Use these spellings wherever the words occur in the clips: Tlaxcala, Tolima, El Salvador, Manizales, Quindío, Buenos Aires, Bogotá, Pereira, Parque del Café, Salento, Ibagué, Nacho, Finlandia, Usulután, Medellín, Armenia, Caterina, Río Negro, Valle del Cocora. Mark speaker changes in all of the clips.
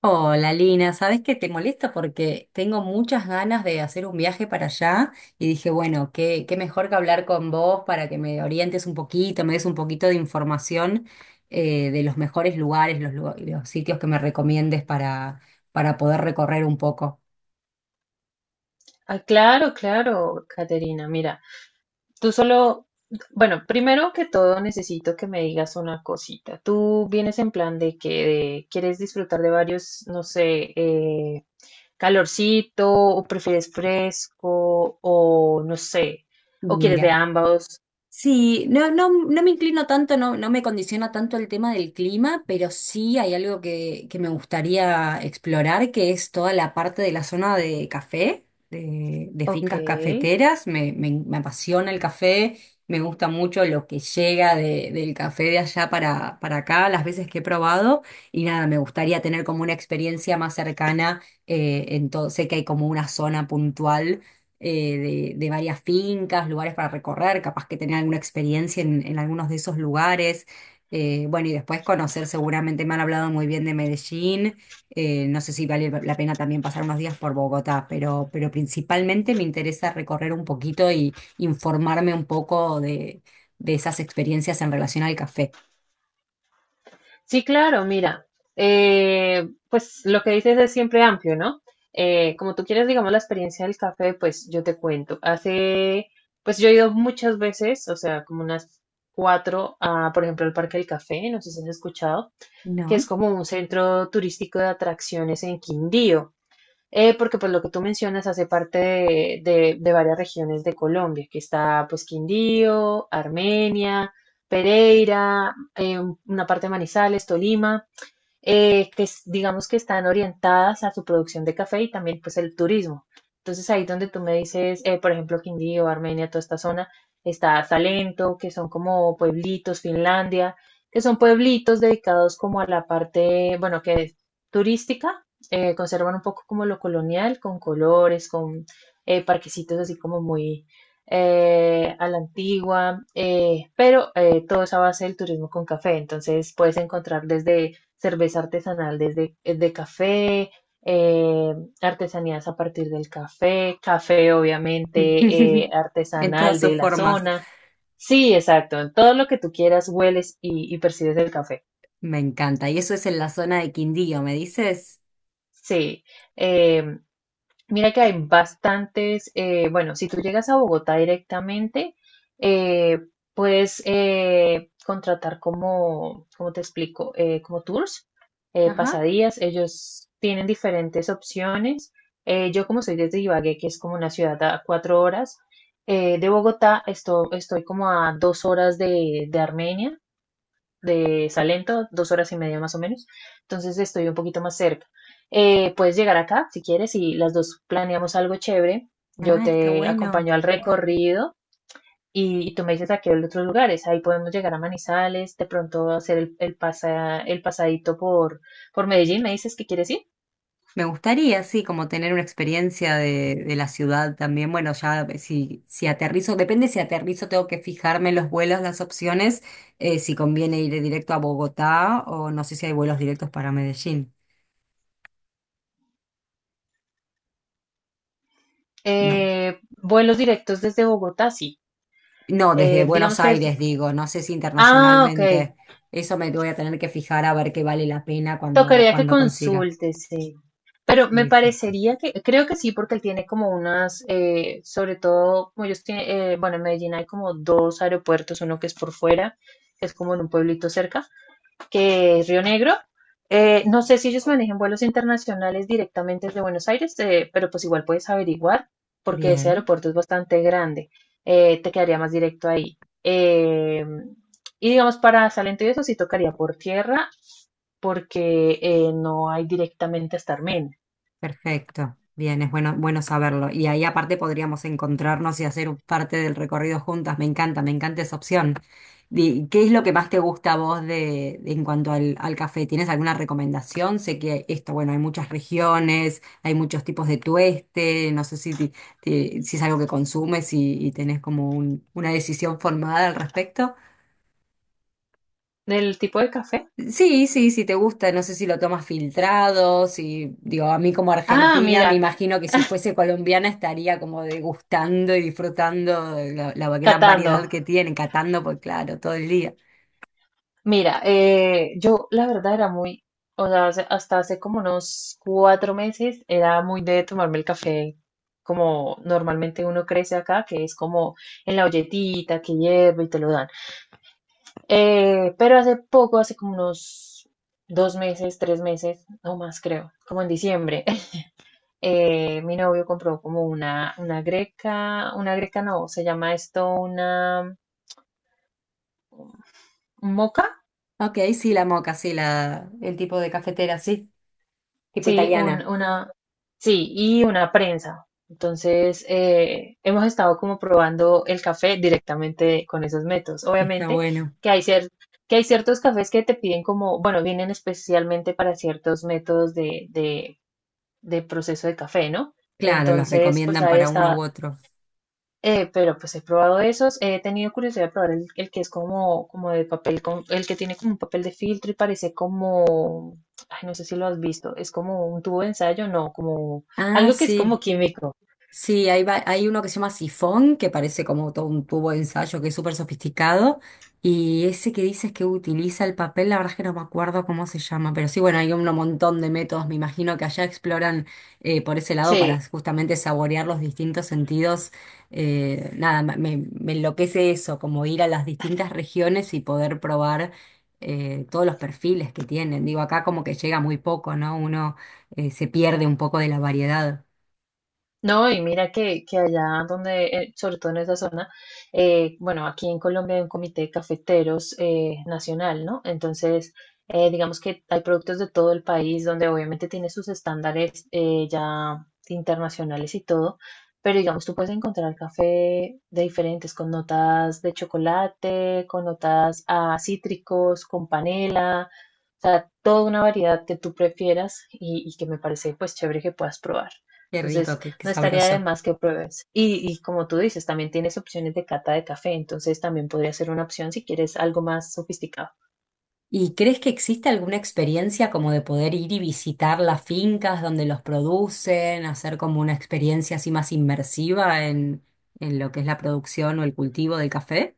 Speaker 1: Hola Lina, ¿sabes que te molesta? Porque tengo muchas ganas de hacer un viaje para allá y dije, bueno, qué mejor que hablar con vos para que me orientes un poquito, me des un poquito de información, de los mejores lugares, los sitios que me recomiendes para poder recorrer un poco.
Speaker 2: Ah, claro, claro, Caterina. Mira, tú solo, bueno, primero que todo necesito que me digas una cosita. Tú vienes en plan de que quieres disfrutar de varios, no sé, calorcito, o prefieres fresco, o no sé, o quieres de
Speaker 1: Mira.
Speaker 2: ambos.
Speaker 1: Sí, no, no, no me inclino tanto, no, no me condiciona tanto el tema del clima, pero sí hay algo que me gustaría explorar, que es toda la parte de la zona de café, de
Speaker 2: Ok.
Speaker 1: fincas cafeteras. Me apasiona el café, me gusta mucho lo que llega del café de allá para acá, las veces que he probado, y nada, me gustaría tener como una experiencia más cercana, en todo, sé que hay como una zona puntual, eh, de varias fincas, lugares para recorrer, capaz que tener alguna experiencia en algunos de esos lugares. Bueno, y después conocer, seguramente me han hablado muy bien de Medellín. No sé si vale la pena también pasar unos días por Bogotá, pero principalmente me interesa recorrer un poquito y informarme un poco de esas experiencias en relación al café.
Speaker 2: Sí, claro, mira, pues lo que dices es siempre amplio, ¿no? Como tú quieres, digamos, la experiencia del café, pues yo te cuento. Pues yo he ido muchas veces, o sea, como unas cuatro, a, por ejemplo, al Parque del Café, no sé si has escuchado, que es
Speaker 1: ¿No?
Speaker 2: como un centro turístico de atracciones en Quindío. Porque pues lo que tú mencionas hace parte de varias regiones de Colombia, que está pues Quindío, Armenia, Pereira, una parte de Manizales, Tolima digamos que están orientadas a su producción de café y también pues el turismo. Entonces ahí donde tú me dices, por ejemplo, Quindío, Armenia, toda esta zona, está Salento, que son como pueblitos, Finlandia, que son pueblitos dedicados como a la parte, bueno, que es turística, conservan un poco como lo colonial, con colores, con parquecitos así como muy a la antigua, pero todo es a base del turismo con café. Entonces puedes encontrar desde cerveza artesanal desde de café, eh, artesanías a partir del café, café obviamente
Speaker 1: En todas
Speaker 2: artesanal de
Speaker 1: sus
Speaker 2: la
Speaker 1: formas.
Speaker 2: zona. Sí, exacto, en todo lo que tú quieras hueles y percibes el café.
Speaker 1: Me encanta. Y eso es en la zona de Quindío, ¿me dices?
Speaker 2: Sí, eh, mira que hay bastantes, bueno, si tú llegas a Bogotá directamente, eh, puedes contratar como, ¿cómo te explico? Como tours,
Speaker 1: Ajá.
Speaker 2: pasadías, ellos tienen diferentes opciones. Yo como soy desde Ibagué, que es como una ciudad a 4 horas de Bogotá, estoy como a 2 horas de Armenia de Salento, 2 horas y media más o menos. Entonces estoy un poquito más cerca. Puedes llegar acá si quieres y las dos planeamos algo chévere. Yo
Speaker 1: Ah, está
Speaker 2: te
Speaker 1: bueno.
Speaker 2: acompaño al recorrido y tú me dices a qué otros lugares. Ahí podemos llegar a Manizales, de pronto hacer el pasadito por Medellín. ¿Me dices que quieres ir?
Speaker 1: Me gustaría, sí, como tener una experiencia de la ciudad también. Bueno, ya, si, si aterrizo, depende si aterrizo, tengo que fijarme en los vuelos, las opciones, si conviene ir directo a Bogotá o no sé si hay vuelos directos para Medellín. No,
Speaker 2: Vuelos directos desde Bogotá, sí.
Speaker 1: no, desde
Speaker 2: Digamos
Speaker 1: Buenos
Speaker 2: que es...
Speaker 1: Aires digo, no sé si
Speaker 2: Ah, ok.
Speaker 1: internacionalmente. Eso me voy a tener que fijar a ver qué vale la pena cuando,
Speaker 2: Tocaría que
Speaker 1: cuando consiga.
Speaker 2: consulte, sí. Pero me
Speaker 1: Sí, sí.
Speaker 2: parecería que, creo que sí, porque él tiene como unas, sobre todo, como ellos tienen, bueno, en Medellín hay como dos aeropuertos, uno que es por fuera, que es como en un pueblito cerca, que es Río Negro. No sé si ellos manejan vuelos internacionales directamente desde Buenos Aires, pero pues igual puedes averiguar, porque ese
Speaker 1: Bien.
Speaker 2: aeropuerto es bastante grande. Te quedaría más directo ahí. Y digamos, para Salento y eso sí tocaría por tierra porque no hay directamente hasta
Speaker 1: Perfecto, bien, es bueno, bueno saberlo. Y ahí aparte podríamos encontrarnos y hacer parte del recorrido juntas. Me encanta esa opción. ¿Qué es lo que más te gusta a vos de, en cuanto al, al café? ¿Tienes alguna recomendación? Sé que esto, bueno, hay muchas regiones, hay muchos tipos de tueste, no sé si, si es algo que consumes y tenés como una decisión formada al respecto.
Speaker 2: ¿Del tipo de café?
Speaker 1: Sí, sí, si te gusta, no sé si lo tomas filtrado, si, digo, a mí como
Speaker 2: Ah,
Speaker 1: argentina, me
Speaker 2: mira,
Speaker 1: imagino que si fuese colombiana estaría como degustando y disfrutando de la, la gran
Speaker 2: catando.
Speaker 1: variedad que tiene, catando, pues claro, todo el día.
Speaker 2: Mira, yo la verdad era muy, o sea, hasta hace como unos 4 meses era muy de tomarme el café como normalmente uno crece acá, que es como en la olletita que hierve y te lo dan. Pero hace poco, hace como unos 2 meses, 3 meses, no más creo, como en diciembre. Mi novio compró como una greca no, se llama esto una ¿un moca,
Speaker 1: Ok, sí, la moca, sí, la, el tipo de cafetera, sí, tipo
Speaker 2: sí,
Speaker 1: italiana.
Speaker 2: una, sí, y una prensa. Entonces, hemos estado como probando el café directamente con esos métodos.
Speaker 1: Está
Speaker 2: Obviamente
Speaker 1: bueno.
Speaker 2: que hay cier- que hay ciertos cafés que te piden como, bueno, vienen especialmente para ciertos métodos de proceso de café, ¿no?
Speaker 1: Claro, los
Speaker 2: Entonces, pues
Speaker 1: recomiendan
Speaker 2: ahí
Speaker 1: para uno u
Speaker 2: está,
Speaker 1: otro.
Speaker 2: Pero pues he probado esos, he tenido curiosidad de probar el que es como, como de papel, el que tiene como un papel de filtro y parece como, ay, no sé si lo has visto, es como un tubo de ensayo, no, como
Speaker 1: Ah,
Speaker 2: algo que es
Speaker 1: sí.
Speaker 2: como químico.
Speaker 1: Sí, hay, hay uno que se llama sifón, que parece como todo un tubo de ensayo que es súper sofisticado. Y ese que dices que utiliza el papel, la verdad es que no me acuerdo cómo se llama, pero sí, bueno, hay un montón de métodos, me imagino que allá exploran, por ese lado para
Speaker 2: Sí,
Speaker 1: justamente saborear los distintos sentidos. Nada, me, me enloquece eso, como ir a las distintas regiones y poder probar, todos los perfiles que tienen. Digo, acá como que llega muy poco, ¿no? Uno, se pierde un poco de la variedad.
Speaker 2: no, y mira que allá donde, sobre todo en esa zona, bueno, aquí en Colombia hay un comité de cafeteros nacional, ¿no? Entonces, digamos que hay productos de todo el país donde obviamente tiene sus estándares ya internacionales y todo, pero digamos, tú puedes encontrar café de diferentes, con notas de chocolate, con notas a cítricos, con panela, o sea, toda una variedad que tú prefieras y que me parece pues chévere que puedas probar.
Speaker 1: Qué rico,
Speaker 2: Entonces,
Speaker 1: qué
Speaker 2: no estaría de
Speaker 1: sabroso.
Speaker 2: más que pruebes. Y como tú dices, también tienes opciones de cata de café, entonces también podría ser una opción si quieres algo más sofisticado.
Speaker 1: ¿Y crees que existe alguna experiencia como de poder ir y visitar las fincas donde los producen, hacer como una experiencia así más inmersiva en lo que es la producción o el cultivo del café?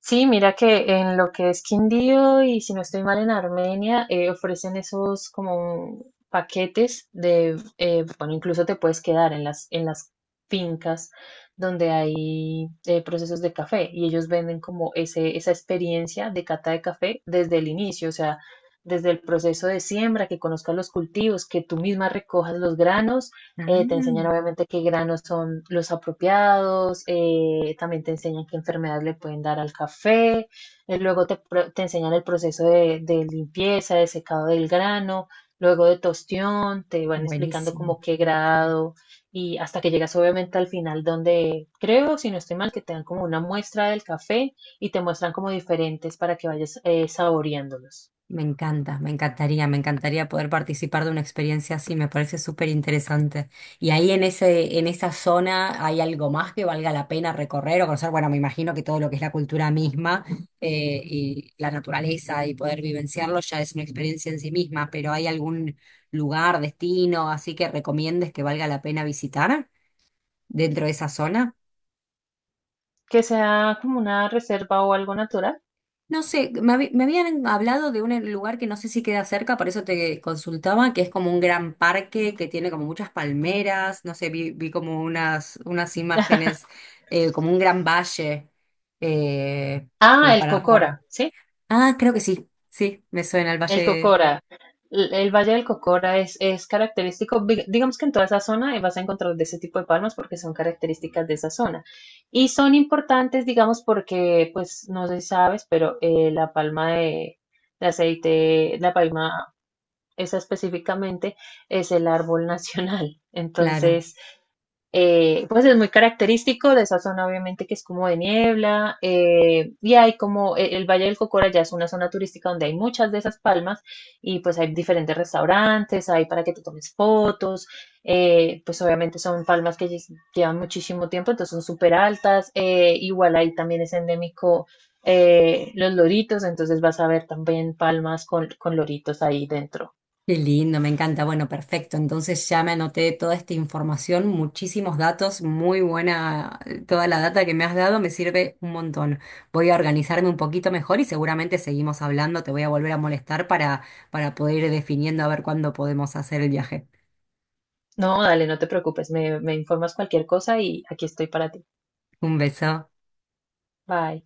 Speaker 2: Sí, mira que en lo que es Quindío y si no estoy mal en Armenia, ofrecen esos como paquetes de, bueno, incluso te puedes quedar en las fincas donde hay procesos de café y ellos venden como esa experiencia de cata de café desde el inicio, o sea, desde el proceso de siembra, que conozcas los cultivos, que tú misma recojas los granos te enseñan
Speaker 1: Ah,
Speaker 2: obviamente qué granos son los apropiados, también te enseñan qué enfermedades le pueden dar al café, luego te enseñan el proceso de limpieza, de secado del grano, luego de tostión, te van explicando
Speaker 1: buenísimo.
Speaker 2: como qué grado y hasta que llegas obviamente al final donde creo, si no estoy mal, que te dan como una muestra del café y te muestran como diferentes para que vayas saboreándolos.
Speaker 1: Me encanta, me encantaría poder participar de una experiencia así, me parece súper interesante. Y ahí en ese, en esa zona hay algo más que valga la pena recorrer o conocer. Bueno, me imagino que todo lo que es la cultura misma, y la naturaleza y poder vivenciarlo ya es una experiencia en sí misma, pero ¿hay algún lugar, destino así que recomiendes que valga la pena visitar dentro de esa zona?
Speaker 2: Que sea como una reserva o algo natural.
Speaker 1: No sé, me, me habían hablado de un, lugar que no sé si queda cerca, por eso te consultaba, que es como un gran parque que tiene como muchas palmeras, no sé, vi como unas, unas imágenes, como un gran valle, eh, como
Speaker 2: Ah, el
Speaker 1: para recorrer.
Speaker 2: Cocora, ¿sí?
Speaker 1: Ah, creo que sí, sí, me suena el
Speaker 2: El
Speaker 1: valle,
Speaker 2: Cocora. El Valle del Cocora es característico, digamos que en toda esa zona vas a encontrar de ese tipo de palmas porque son características de esa zona. Y son importantes, digamos, porque, pues, no sé si sabes, pero la palma de aceite, la palma esa específicamente, es el árbol nacional.
Speaker 1: claro.
Speaker 2: Entonces, pues es muy característico de esa zona, obviamente, que es como de niebla, y hay como el Valle del Cocora ya es una zona turística donde hay muchas de esas palmas, y pues hay diferentes restaurantes, hay para que te tomes fotos, pues obviamente son palmas que llevan muchísimo tiempo, entonces son súper altas, igual ahí también es endémico los loritos, entonces vas a ver también palmas con loritos ahí dentro.
Speaker 1: Qué lindo, me encanta. Bueno, perfecto. Entonces ya me anoté toda esta información, muchísimos datos, muy buena. Toda la data que me has dado me sirve un montón. Voy a organizarme un poquito mejor y seguramente seguimos hablando. Te voy a volver a molestar para poder ir definiendo a ver cuándo podemos hacer el viaje.
Speaker 2: No, dale, no te preocupes, me informas cualquier cosa y aquí estoy para ti.
Speaker 1: Un beso.
Speaker 2: Bye.